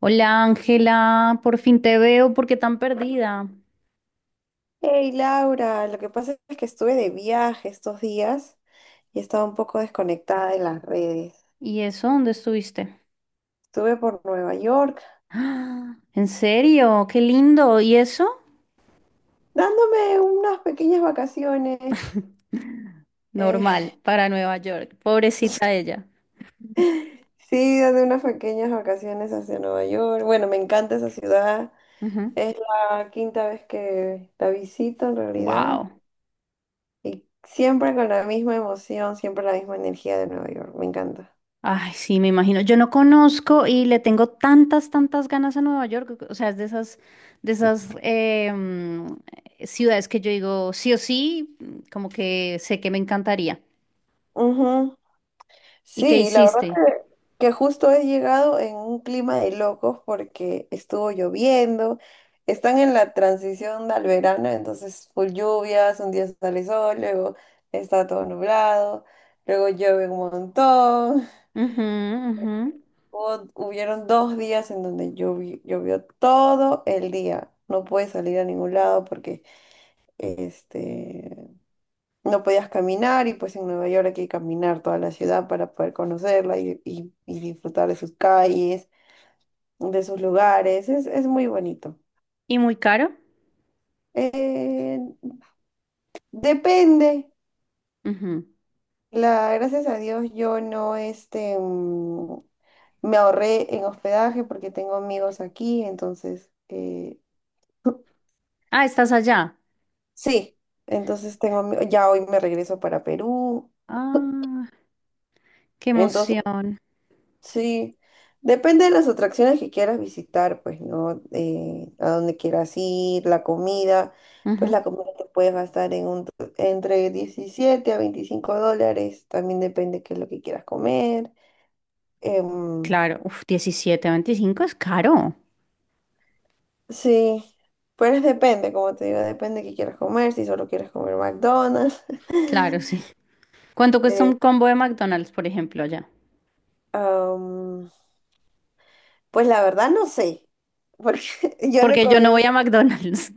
Hola Ángela, por fin te veo, ¿por qué tan perdida? Hey Laura, lo que pasa es que estuve de viaje estos días y estaba un poco desconectada de las redes. ¿Y eso? ¿Dónde estuviste? Estuve por Nueva York ¡Ah! ¿En serio? ¡Qué lindo! ¿Y eso? dándome unas pequeñas vacaciones. eh, Normal, para Nueva York. Pobrecita ella. sí, dando unas pequeñas vacaciones hacia Nueva York. Bueno, me encanta esa ciudad. Es la quinta vez que la visito en realidad Wow. y siempre con la misma emoción, siempre la misma energía de Nueva York. Me encanta. Ay, sí, me imagino. Yo no conozco y le tengo tantas, tantas ganas a Nueva York. O sea, es de esas, de esas ciudades que yo digo sí o sí, como que sé que me encantaría. ¿Y qué Sí, la verdad hiciste? Que justo he llegado en un clima de locos porque estuvo lloviendo, están en la transición al verano, entonces full lluvias, un día sale sol, luego está todo nublado, luego llueve un montón. Ujú, ujú. Hubieron dos días en donde llovió todo el día. No pude salir a ningún lado porque este, no podías caminar y pues en Nueva York hay que caminar toda la ciudad para poder conocerla y disfrutar de sus calles, de sus lugares. Es muy bonito. ¿Y muy caro? Eh, depende. Ujú. Gracias a Dios yo no me ahorré en hospedaje porque tengo amigos aquí, entonces, Ah, estás allá. sí, entonces ya hoy me regreso para Perú. Ah, qué Entonces emoción. sí, depende de las atracciones que quieras visitar, pues, ¿no? A dónde quieras ir, la comida, pues Ujú. la comida te puedes gastar entre $17 a $25, también depende qué es lo que quieras comer. Em, Claro, uf, 17, 25 es caro. sí, pues depende, como te digo, depende qué quieras comer, si solo quieres comer McDonald's. Claro, sí. ¿Cuánto cuesta un Eh, combo de McDonald's, por ejemplo, allá? am, pues la verdad no sé, porque yo no Porque yo comí. no voy a McDonald's.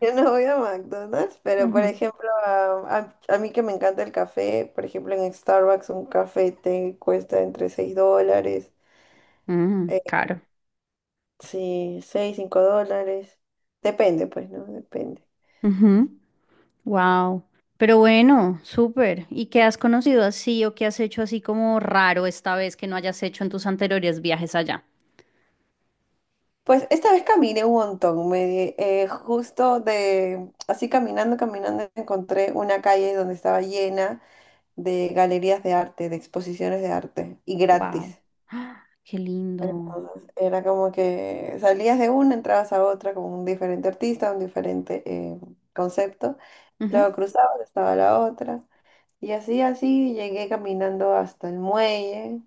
Yo no voy a McDonald's, pero por Ujú. ejemplo, a mí que me encanta el café, por ejemplo, en Starbucks un café te cuesta entre $6, Mm, eh, caro. sí, $6, $5, depende, pues, ¿no? Depende. Wow. Pero bueno, súper. ¿Y qué has conocido así o qué has hecho así como raro esta vez que no hayas hecho en tus anteriores viajes allá? Pues esta vez caminé un montón, justo de, así caminando, caminando, encontré una calle donde estaba llena de galerías de arte, de exposiciones de arte, y Wow. gratis. Qué lindo. Entonces, era como que salías de una, entrabas a otra con un diferente artista, un diferente concepto, luego Ujú. cruzabas, estaba la otra, y así, así llegué caminando hasta el muelle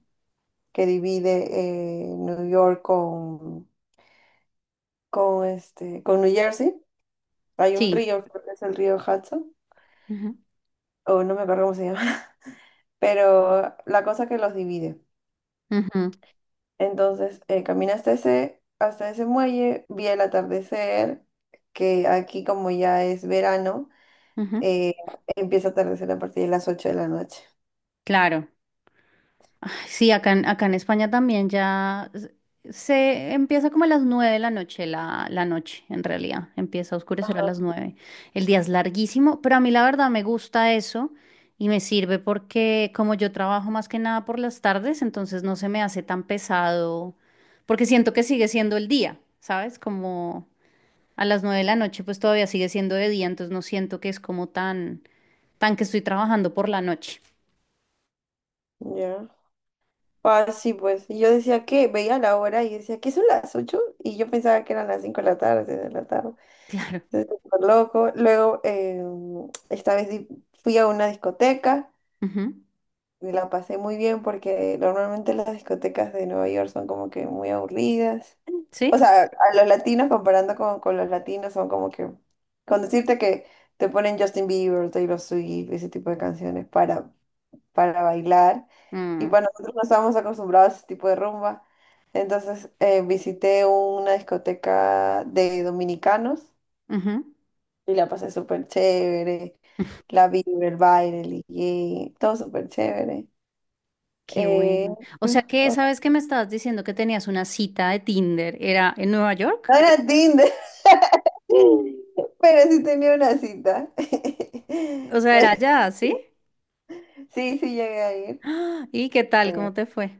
que divide New York con New Jersey. Hay un Sí. río, creo que es el río Hudson, Ujú. o no me acuerdo cómo se llama, pero la cosa que los divide. Ujú. Entonces, caminé hasta ese muelle, vi el atardecer, que aquí como ya es verano, Ujú. eh, empieza a atardecer a partir de las 8 de la noche. Claro. Sí, acá en, acá en España también se empieza como a las 9 de la noche, la, la noche en realidad. Empieza a oscurecer a las Ajá. nueve. El día es larguísimo, pero a mí la verdad me gusta eso y me sirve porque como yo trabajo más que nada por las tardes, entonces no se me hace tan pesado porque siento que sigue siendo el día, ¿sabes? Como a las nueve de la noche pues todavía sigue siendo de día, entonces no siento que es como tan, tan que estoy trabajando por la noche. Ya. Ah, sí, pues. Y yo decía que veía la hora y decía, ¿qué son las ocho? Y yo pensaba que eran las 5 de la tarde, 6 de la tarde. Claro. Entonces, súper loco. Luego, esta vez di- fui a una discoteca Ujú. y la pasé muy bien porque normalmente las discotecas de Nueva York son como que muy aburridas. O Sí. sea, a los latinos comparando con los latinos son como que, con decirte que te ponen Justin Bieber, Taylor Swift, ese tipo de canciones para bailar. Y Mm, para nosotros no estábamos acostumbrados a ese tipo de rumba. Entonces visité una discoteca de dominicanos ujú. y la pasé súper chévere. La vibra, el baile, el DJ, todo súper chévere. Qué Eh, bueno. O sea que o- esa vez que me estabas diciendo que tenías una cita de Tinder, ¿era en Nueva no York? era Tinder. Pero sí tenía una cita. O sea, era Pero allá, ¿sí? sí, sí llegué a ir. ¡Ah! ¿Y qué tal? Eh, ¿Cómo te fue?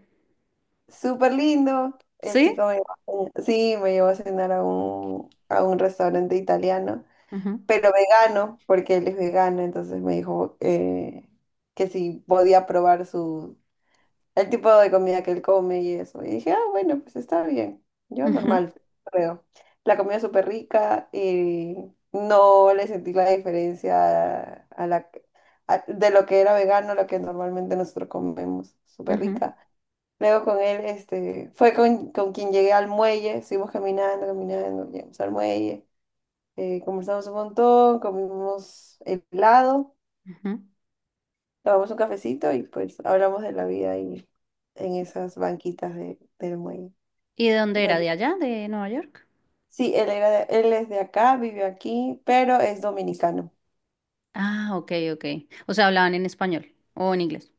súper lindo. El Sí. chico me llevó a cenar. Sí, me llevó a cenar a un restaurante italiano, Ujú, pero vegano, porque él es vegano, entonces me dijo que si podía probar sus el tipo de comida que él come y eso. Y dije, ah, bueno, pues está bien. Yo ujú, normal, creo. La comida es súper rica y no le sentí la diferencia de lo que era vegano a lo que normalmente nosotros comemos. Súper ujú, rica. Luego con él, fue con quien llegué al muelle, seguimos caminando, caminando, llegamos al muelle, conversamos un montón, comimos helado. ujú. Tomamos un cafecito y pues hablamos de la vida ahí en esas banquitas del muelle. ¿Y de dónde era? Bueno, ¿De allá? ¿De Nueva York? sí, él es de acá, vive aquí, pero es dominicano. Ah, ok, ok. O sea, hablaban en español o en inglés.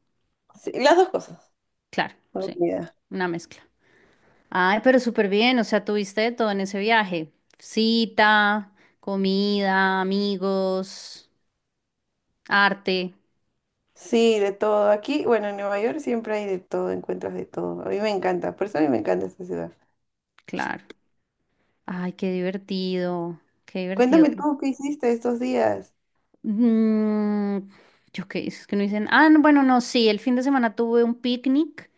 Sí, las dos cosas. Claro, No sí. olvida. Una mezcla. Ay, pero súper bien. O sea, tuviste de todo en ese viaje. Cita, comida, amigos, arte. Sí, de todo. Aquí, bueno, en Nueva York siempre hay de todo, encuentras de todo. A mí me encanta, por eso a mí me encanta esta ciudad. Claro. Ay, qué divertido, qué divertido. Cuéntame tú qué hiciste estos días. Mm, yo qué es que no dicen. Ah, no, bueno, no, sí, el fin de semana tuve un picnic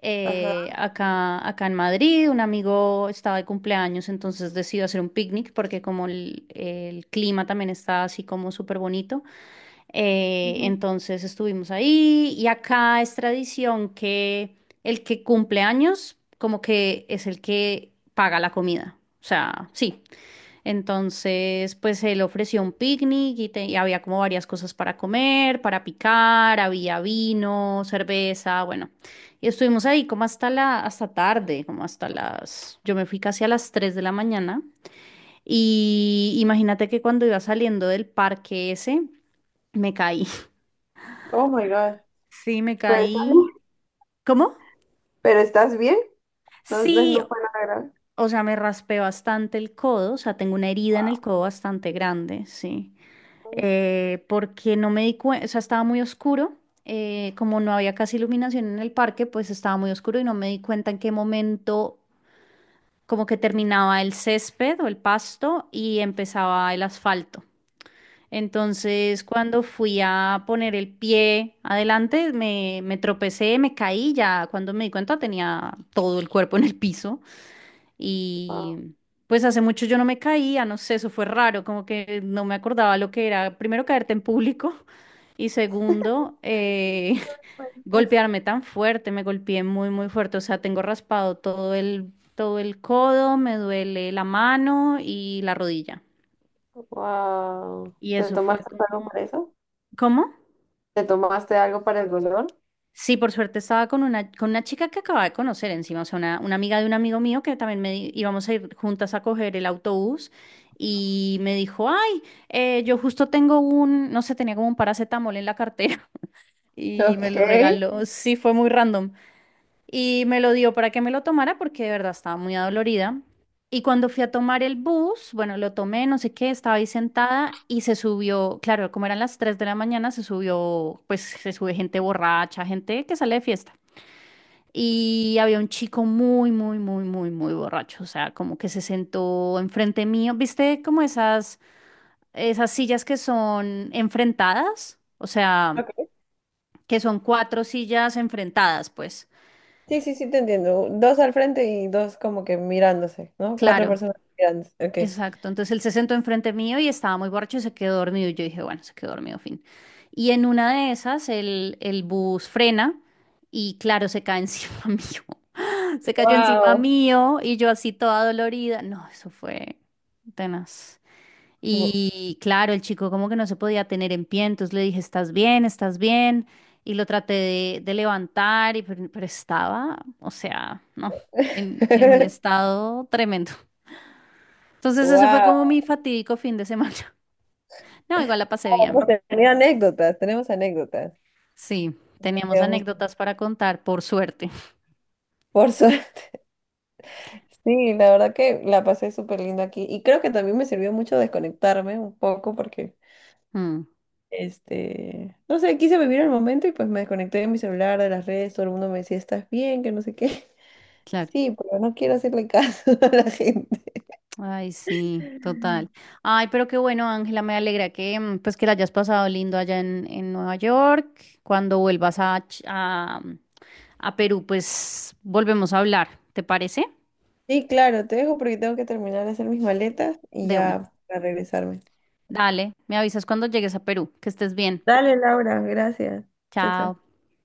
Ajá. acá, acá en Madrid. Un amigo estaba de cumpleaños, entonces decidió hacer un picnic porque como el clima también está así como súper bonito. Ujú. Entonces estuvimos ahí y acá es tradición que el que cumple años como que es el que paga la comida. O sea, sí. Entonces, pues él ofreció un picnic y había como varias cosas para comer, para picar, había vino, cerveza, bueno. Y estuvimos ahí como hasta la, hasta tarde, como hasta las, yo me fui casi a las 3 de la mañana. Y imagínate que cuando iba saliendo del parque ese, me caí. Oh my God. Sí, me Pero, caí. ¿Cómo? ¿pero estás bien? No, no, Sí, no fue nada grave. o sea, me raspé bastante el codo, o sea, tengo una herida en el codo bastante grande, sí. Porque no me di cuenta, o sea, estaba muy oscuro, como no había casi iluminación en el parque, pues estaba muy oscuro y no me di cuenta en qué momento como que terminaba el césped o el pasto y empezaba el asfalto. Entonces, cuando fui a poner el pie adelante, me tropecé, me caí, ya cuando me di cuenta tenía todo el cuerpo en el piso. Wow. Y pues hace mucho yo no me caía, no sé, eso fue raro, como que no me acordaba lo que era, primero caerte en público y segundo, golpearme tan fuerte, me golpeé muy, muy fuerte, o sea, tengo raspado todo el codo, me duele la mano y la rodilla. Wow. Y ¿Te eso fue tomaste algo por como... eso? ¿Cómo? ¿Te tomaste algo para el dolor? Sí, por suerte estaba con una chica que acababa de conocer encima, o sea, una amiga de un amigo mío que también íbamos a ir juntas a coger el autobús y me dijo, ay, yo justo tengo un, no sé, tenía como un paracetamol en la cartera y me Ok. lo regaló, sí, fue muy random y me lo dio para que me lo tomara porque de verdad estaba muy adolorida. Y cuando fui a tomar el bus, bueno, lo tomé, no sé qué, estaba ahí sentada y se subió, claro, como eran las 3 de la mañana, se subió, pues se sube gente borracha, gente que sale de fiesta. Y había un chico muy, muy, muy, muy, muy borracho. O sea, como que se sentó enfrente mío. ¿Viste como esas, esas sillas que son enfrentadas? O sea, Ok. que son cuatro sillas enfrentadas, pues. Sí, sí, sí, te entiendo. Dos al frente y dos como que mirándose, ¿no? Cuatro Claro, personas mirándose. Ok. exacto. Entonces él se sentó enfrente mío y estaba muy borracho y se quedó dormido. Y yo dije, bueno, se quedó dormido, fin. Y en una de esas, el bus frena y, claro, se cae encima mío. Se cayó encima Wow. mío y yo así toda dolorida. No, eso fue tenaz. Wow. Y claro, el chico como que no se podía tener en pie, entonces le dije, ¿estás bien? ¿Estás bien? Y lo traté de levantar, y, pero estaba, o sea, no, en un estado tremendo. Entonces ese fue como Wow. mi fatídico fin de semana. No, igual la pasé Vamos a bien. tener anécdotas, tenemos anécdotas. Sí, teníamos Digamos, anécdotas para contar, por suerte. por suerte. Sí, la verdad que la pasé súper lindo aquí. Y creo que también me sirvió mucho desconectarme un poco porque, Mm, no sé, quise vivir el momento y pues me desconecté de mi celular, de las redes, todo el mundo me decía, ¿estás bien? Que no sé qué. claro. Sí, pero no quiero hacerle caso a la gente. Ay, sí, total. Ay, pero qué bueno, Ángela, me alegra que pues que la hayas pasado lindo allá en Nueva York. Cuando vuelvas a, a Perú, pues volvemos a hablar, ¿te parece? Sí, claro, te dejo porque tengo que terminar de hacer mis maletas y De una. ya para regresarme. Dale, me avisas cuando llegues a Perú, que estés bien. Dale, Laura, gracias. Chao, chao. Chao.